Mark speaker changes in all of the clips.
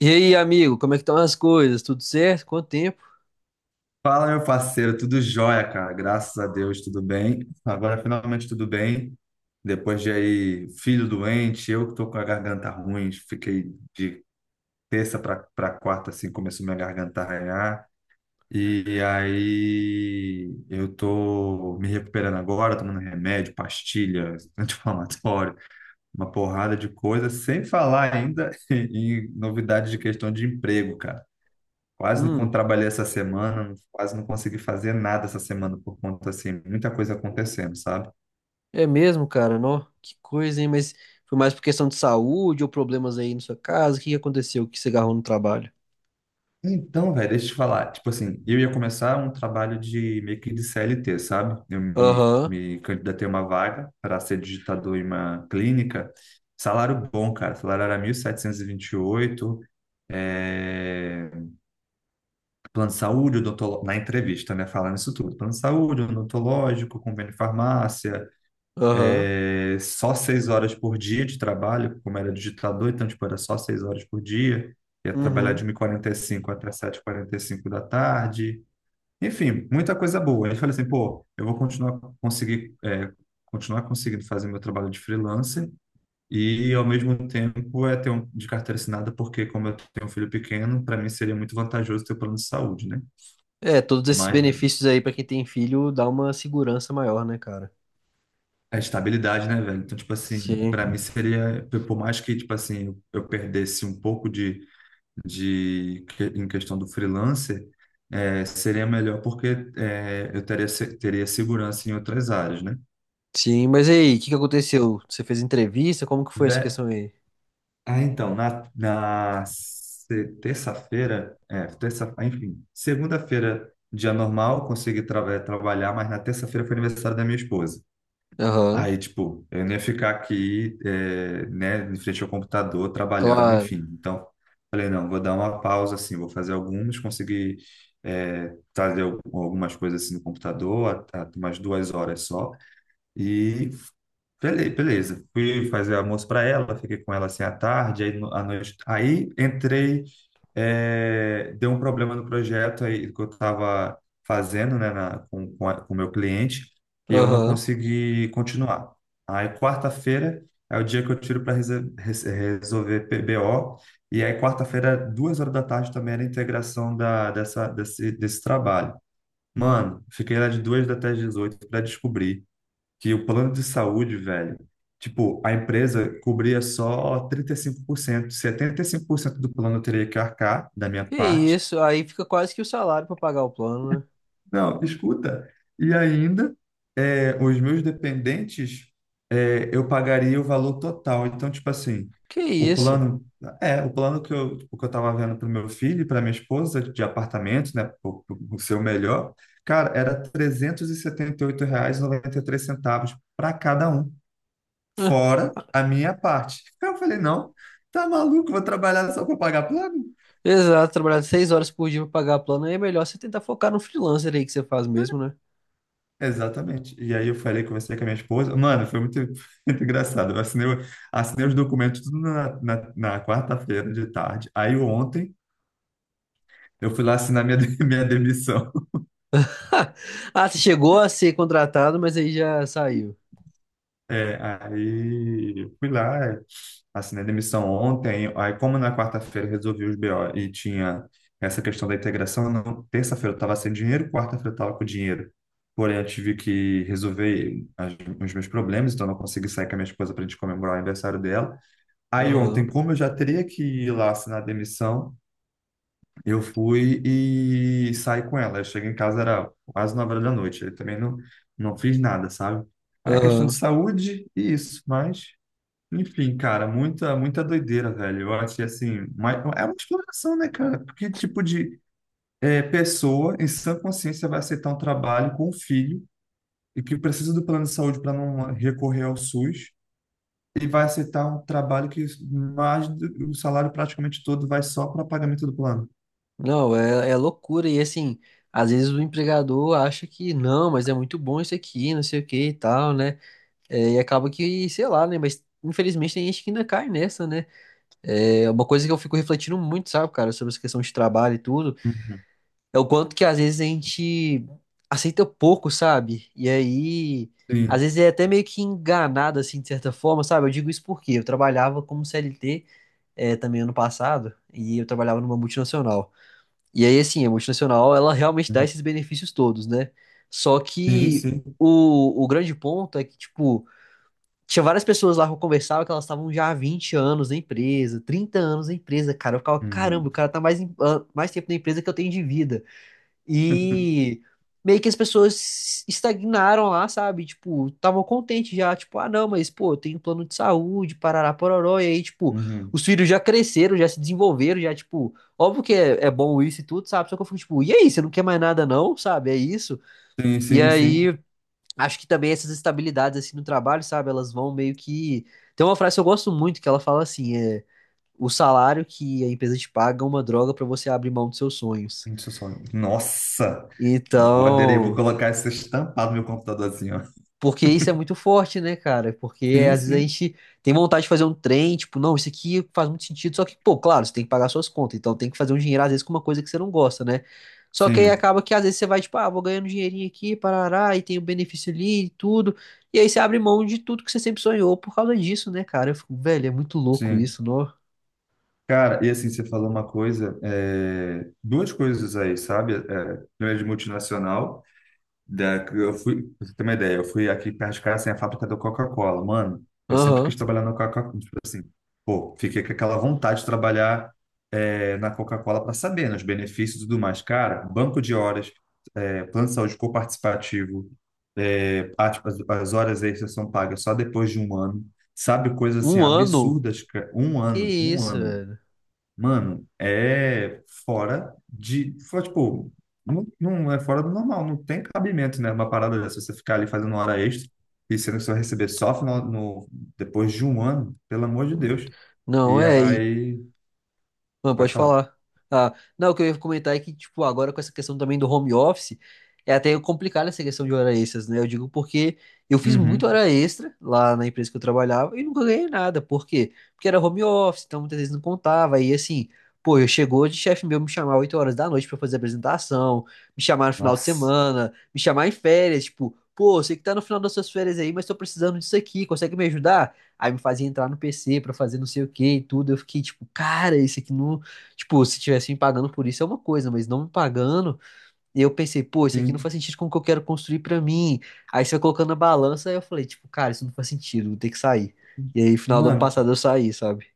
Speaker 1: E aí, amigo, como é que estão as coisas? Tudo certo? Quanto tempo?
Speaker 2: Fala, meu parceiro, tudo jóia, cara. Graças a Deus, tudo bem. Agora finalmente tudo bem. Depois de aí, filho doente, eu que tô com a garganta ruim, fiquei de terça para quarta, assim, começou minha garganta a arranhar. E aí eu tô me recuperando agora, tomando remédio, pastilha, anti-inflamatório, uma porrada de coisa, sem falar ainda em novidades de questão de emprego, cara. Quase
Speaker 1: Hum,
Speaker 2: não trabalhei essa semana, quase não consegui fazer nada essa semana por conta, assim, muita coisa acontecendo, sabe?
Speaker 1: é mesmo, cara, não? Que coisa, hein? Mas foi mais por questão de saúde ou problemas aí na sua casa? O que que aconteceu? O que você agarrou no trabalho?
Speaker 2: Então, velho, deixa eu te falar. Tipo assim, eu ia começar um trabalho de meio que de CLT, sabe? Eu me,
Speaker 1: Aham,
Speaker 2: me candidatei a uma vaga para ser digitador em uma clínica. Salário bom, cara. Salário era 1.728. É... Plano de saúde, odontológico, na entrevista, né? Falando isso tudo. Plano de saúde, odontológico, convênio de farmácia,
Speaker 1: aham,
Speaker 2: só 6 horas por dia de trabalho, como era digitador, então tipo, era só 6 horas por dia, ia trabalhar de
Speaker 1: uhum.
Speaker 2: 1:45 até 7:45 da tarde, enfim, muita coisa boa. Aí eu falei assim, pô, eu vou continuar conseguir, continuar conseguindo fazer meu trabalho de freelancer e ao mesmo tempo ter um de carteira assinada, porque como eu tenho um filho pequeno, para mim seria muito vantajoso ter o plano de saúde, né?
Speaker 1: É, todos esses
Speaker 2: Mas
Speaker 1: benefícios aí pra quem tem filho dá uma segurança maior, né, cara?
Speaker 2: a estabilidade, né, velho? Então, tipo assim,
Speaker 1: Sim.
Speaker 2: para mim seria, por mais que, tipo assim, eu perdesse um pouco de em questão do freelancer, seria melhor porque, eu teria teria segurança em outras áreas, né?
Speaker 1: Sim, mas e aí, o que que aconteceu? Você fez entrevista? Como que foi essa
Speaker 2: Ve-
Speaker 1: questão aí?
Speaker 2: Ah, então, na, na se- terça-feira, terça, enfim, segunda-feira, dia normal, consegui trabalhar, mas na terça-feira foi aniversário da minha esposa.
Speaker 1: Aham,
Speaker 2: Aí, tipo, eu não ia ficar aqui, né, em frente ao computador, trabalhando, enfim.
Speaker 1: claro.
Speaker 2: Então, falei, não, vou dar uma pausa, assim, vou fazer algumas, consegui, fazer algumas coisas, assim, no computador, umas 2 horas só. Beleza. Fui fazer almoço para ela, fiquei com ela assim à tarde, aí à noite. Aí entrei, deu um problema no projeto aí que eu estava fazendo, né, com, com o meu cliente, e eu não
Speaker 1: Aham.
Speaker 2: consegui continuar. Aí quarta-feira é o dia que eu tiro para resolver PBO, e aí quarta-feira, 2 horas da tarde, também era a integração da, dessa, desse trabalho. Mano, fiquei lá de duas até às 18 para descobrir que o plano de saúde, velho, tipo, a empresa cobria só 35%, 75% do plano eu teria que arcar da minha
Speaker 1: Que
Speaker 2: parte.
Speaker 1: isso, aí fica quase que o salário pra pagar o plano, né?
Speaker 2: Não, escuta. E ainda, os meus dependentes, eu pagaria o valor total. Então, tipo assim,
Speaker 1: Que
Speaker 2: o
Speaker 1: isso?
Speaker 2: plano, o plano que eu, tipo, que eu tava vendo para o meu filho e para minha esposa de apartamento, né, o seu melhor, cara, era R$ 378 R$ centavos para cada um. Fora a minha parte. Aí eu falei, não, tá maluco, vou trabalhar só para pagar plano?
Speaker 1: Exato, trabalhar seis horas por dia pra pagar plano aí é melhor você tentar focar no freelancer aí que você faz mesmo, né?
Speaker 2: Exatamente. E aí eu falei, conversei com a minha esposa. Mano, foi muito, muito engraçado. Eu assinei, assinei os documentos tudo na quarta-feira de tarde. Aí ontem eu fui lá assinar minha, minha demissão.
Speaker 1: Ah, você chegou a ser contratado, mas aí já saiu.
Speaker 2: Aí fui lá, assinei demissão ontem, aí como na quarta-feira eu resolvi os BO e tinha essa questão da integração, não, terça-feira eu estava sem dinheiro, quarta-feira eu estava com dinheiro. Porém, eu tive que resolver os meus problemas, então eu não consegui sair com a minha esposa para a gente comemorar o aniversário dela. Aí ontem,
Speaker 1: Aham,
Speaker 2: como eu já teria que ir lá assinar a demissão, eu fui e saí com ela. Eu cheguei em casa, era quase 9 horas da noite. Eu também não fiz nada, sabe? Aí é questão de
Speaker 1: aham.
Speaker 2: saúde e isso, mas enfim, cara, muita, muita doideira, velho. Eu achei assim, é uma exploração, né, cara? Porque tipo de pessoa em sã consciência vai aceitar um trabalho com um filho e que precisa do plano de saúde para não recorrer ao SUS e vai aceitar um trabalho que o salário praticamente todo vai só para pagamento do plano.
Speaker 1: Não, é, é loucura. E assim, às vezes o empregador acha que não, mas é muito bom isso aqui, não sei o que e tal, né? É, e acaba que, sei lá, né? Mas infelizmente tem gente que ainda cai nessa, né? É uma coisa que eu fico refletindo muito, sabe, cara, sobre essa questão de trabalho e tudo.
Speaker 2: Uhum.
Speaker 1: É o quanto que às vezes a gente aceita pouco, sabe? E aí, às
Speaker 2: Sim,
Speaker 1: vezes é até meio que enganado, assim, de certa forma, sabe? Eu digo isso porque eu trabalhava como CLT, também ano passado, e eu trabalhava numa multinacional. E aí, assim, a multinacional, ela realmente dá
Speaker 2: uhum.
Speaker 1: esses benefícios todos, né? Só
Speaker 2: Sim,
Speaker 1: que
Speaker 2: sim.
Speaker 1: o grande ponto é que, tipo, tinha várias pessoas lá que eu conversava que elas estavam já há 20 anos na empresa, 30 anos na empresa, cara. Eu ficava, caramba, o
Speaker 2: Uhum.
Speaker 1: cara tá mais, mais tempo na empresa que eu tenho de vida. E meio que as pessoas estagnaram lá, sabe? Tipo, estavam contentes já, tipo, ah, não, mas pô, eu tenho plano de saúde, parará, pororó, e aí, tipo,
Speaker 2: Uhum.
Speaker 1: os filhos já cresceram, já se desenvolveram, já, tipo, óbvio que é, é bom isso e tudo, sabe? Só que eu fico, tipo, e aí, você não quer mais nada, não, sabe? É isso.
Speaker 2: Sim,
Speaker 1: E
Speaker 2: sim, sim.
Speaker 1: aí, acho que também essas estabilidades, assim, no trabalho, sabe? Elas vão meio que. Tem uma frase que eu gosto muito que ela fala assim, é. O salário que a empresa te paga é uma droga pra você abrir mão dos seus sonhos.
Speaker 2: Nossa! Vou aderir, vou
Speaker 1: Então.
Speaker 2: colocar isso estampado no meu computador.
Speaker 1: Porque isso é muito forte, né, cara? Porque
Speaker 2: Sim,
Speaker 1: às vezes a
Speaker 2: sim,
Speaker 1: gente tem vontade de fazer um trem, tipo, não, isso aqui faz muito sentido, só que, pô, claro, você tem que pagar suas contas, então tem que fazer um dinheiro, às vezes, com uma coisa que você não gosta, né? Só que aí
Speaker 2: sim,
Speaker 1: acaba que às vezes você vai, tipo, ah, vou ganhando um dinheirinho aqui, parará, e tem o benefício ali e tudo, e aí você abre mão de tudo que você sempre sonhou por causa disso, né, cara? Eu fico, velho, é muito louco
Speaker 2: sim.
Speaker 1: isso, não?
Speaker 2: Cara, e assim, você falou uma coisa, duas coisas aí, sabe? Primeiro de multinacional, da, eu fui, pra você ter uma ideia, eu fui aqui perto de casa, assim, a fábrica da Coca-Cola. Mano, eu sempre quis
Speaker 1: Aham.
Speaker 2: trabalhar na Coca-Cola, tipo assim, pô, fiquei com aquela vontade de trabalhar, na Coca-Cola para saber, né, os benefícios e tudo mais. Cara, banco de horas, plano de saúde coparticipativo, tipo, as horas extras são pagas só depois de 1 ano, sabe? Coisas assim
Speaker 1: Um ano?
Speaker 2: absurdas, cara. um
Speaker 1: Que
Speaker 2: ano, um
Speaker 1: isso,
Speaker 2: ano,
Speaker 1: velho?
Speaker 2: mano, é fora de, fora, tipo, não, não é fora do normal, não tem cabimento, né? Uma parada dessa, você ficar ali fazendo hora extra e sendo que você vai receber só final, no, depois de 1 ano, pelo amor de Deus.
Speaker 1: Não,
Speaker 2: E
Speaker 1: é. E.
Speaker 2: aí,
Speaker 1: Não,
Speaker 2: pode
Speaker 1: pode
Speaker 2: falar.
Speaker 1: falar. Ah, não, o que eu ia comentar é que, tipo, agora com essa questão também do home office, é até complicado essa questão de hora extras, né? Eu digo porque eu fiz muita
Speaker 2: Uhum.
Speaker 1: hora extra lá na empresa que eu trabalhava e nunca ganhei nada. Por quê? Porque era home office, então muitas vezes não contava. E assim, pô, eu chegou de chefe meu me chamar 8 horas da noite pra fazer apresentação, me chamar no final de
Speaker 2: Nossa,
Speaker 1: semana, me chamar em férias, tipo, pô, sei que tá no final das suas férias aí, mas tô precisando disso aqui, consegue me ajudar? Aí me fazia entrar no PC pra fazer não sei o que e tudo. Eu fiquei tipo, cara, isso aqui não. Tipo, se tivesse me pagando por isso é uma coisa, mas não me pagando. E eu pensei, pô, isso aqui não
Speaker 2: sim.
Speaker 1: faz sentido com o que eu quero construir pra mim. Aí você vai colocando na balança, aí eu falei, tipo, cara, isso não faz sentido, vou ter que sair. E aí, final do ano
Speaker 2: Mano,
Speaker 1: passado eu saí, sabe?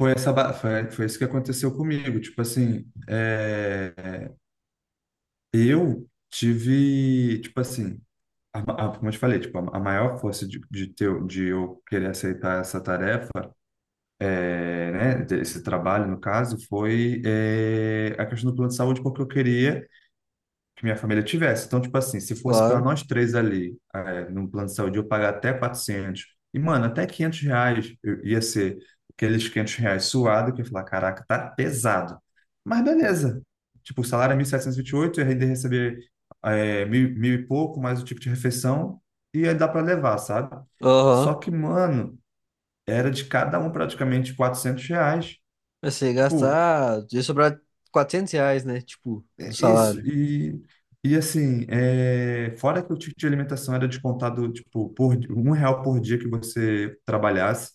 Speaker 2: Foi isso que aconteceu comigo. Tipo assim, eu tive, tipo assim, como eu te falei, tipo, a maior força de, ter, de eu querer aceitar essa tarefa, é, né, esse trabalho, no caso, foi, a questão do plano de saúde, porque eu queria que minha família tivesse. Então, tipo assim, se fosse para
Speaker 1: Claro.
Speaker 2: nós 3 ali, no plano de saúde, eu pagar até 400 e, mano, até R$ 500 ia ser aqueles R$ 500 suado, que eu ia falar, caraca, tá pesado. Mas beleza. Tipo, o salário é mil setecentos e vinte e oito, eu ainda ia receber, mil e pouco, mais o tipo de refeição, e aí dá para levar, sabe? Só
Speaker 1: Aham.
Speaker 2: que, mano, era de cada um praticamente R$ 400.
Speaker 1: Eu sei
Speaker 2: Tipo,
Speaker 1: gastar. Ia sobrar R$ 400, né? Tipo, do
Speaker 2: é isso,
Speaker 1: salário.
Speaker 2: e, assim, fora que o ticket de alimentação era descontado, tipo, R$ 1 por dia que você trabalhasse,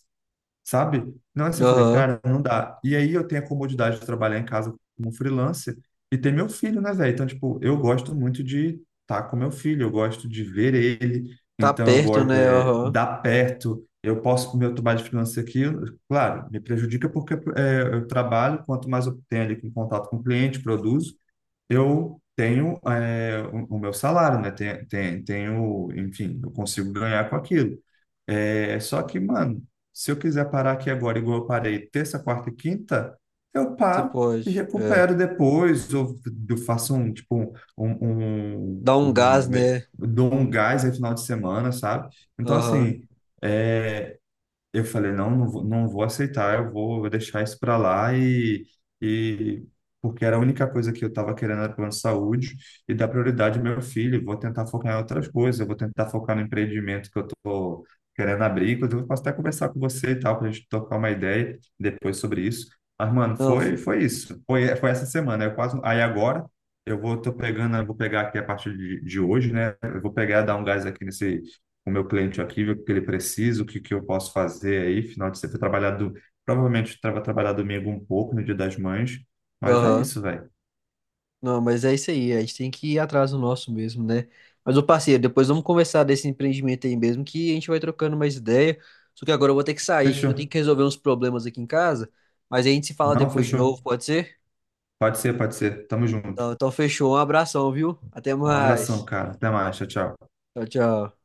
Speaker 2: sabe? Não, assim, eu falei,
Speaker 1: Aham.
Speaker 2: cara, não dá. E aí eu tenho a comodidade de trabalhar em casa como freelancer e ter meu filho, né, velho? Então, tipo, eu gosto muito de estar com meu filho, eu gosto de ver ele,
Speaker 1: Tá
Speaker 2: então eu
Speaker 1: perto,
Speaker 2: gosto,
Speaker 1: né? Aham.
Speaker 2: dar perto. Eu posso comer o meu trabalho de freelancer aqui, claro, me prejudica porque, eu trabalho, quanto mais eu tenho ali com contato com o cliente, produzo, eu tenho, o meu salário, né? Tenho, enfim, eu consigo ganhar com aquilo. Só que, mano, se eu quiser parar aqui agora, igual eu parei terça, quarta e quinta, eu
Speaker 1: Você
Speaker 2: paro e
Speaker 1: pode. É.
Speaker 2: recupero depois, ou eu faço um, um,
Speaker 1: Dá um gás,
Speaker 2: um-
Speaker 1: né?
Speaker 2: dou um gás aí final de semana, sabe? Então,
Speaker 1: Aham.
Speaker 2: assim. eh, eu falei, não, não vou aceitar, eu vou deixar isso para lá, e porque era a única coisa que eu estava querendo era plano de saúde e dar prioridade ao meu filho, vou tentar focar em outras coisas, eu vou tentar focar no empreendimento que eu estou querendo abrir, inclusive eu posso até conversar com você e tal, para a gente tocar uma ideia depois sobre isso. Mas, mano,
Speaker 1: Não.
Speaker 2: foi, foi essa semana, eu quase, aí agora eu vou, tô pegando, eu vou pegar aqui a partir de, hoje, né, eu vou pegar, dar um gás aqui nesse o meu cliente aqui, ver o que ele precisa, o que, que eu posso fazer aí, final de semana, trabalhado, provavelmente vou trabalhar domingo um pouco, no Dia das Mães, mas é
Speaker 1: Aham.
Speaker 2: isso, velho.
Speaker 1: Não, mas é isso aí, a gente tem que ir atrás do nosso mesmo, né? Mas, ô parceiro, depois vamos conversar desse empreendimento aí mesmo, que a gente vai trocando mais ideia. Só que agora eu vou ter que sair, que eu
Speaker 2: Fechou.
Speaker 1: tenho que resolver uns problemas aqui em casa. Mas a gente se fala
Speaker 2: Não,
Speaker 1: depois de novo,
Speaker 2: fechou.
Speaker 1: pode ser?
Speaker 2: Pode ser, pode ser. Tamo junto.
Speaker 1: Então, então fechou, um abração, viu? Até
Speaker 2: Um abração,
Speaker 1: mais.
Speaker 2: cara. Até mais. Tchau, tchau.
Speaker 1: Tchau, tchau.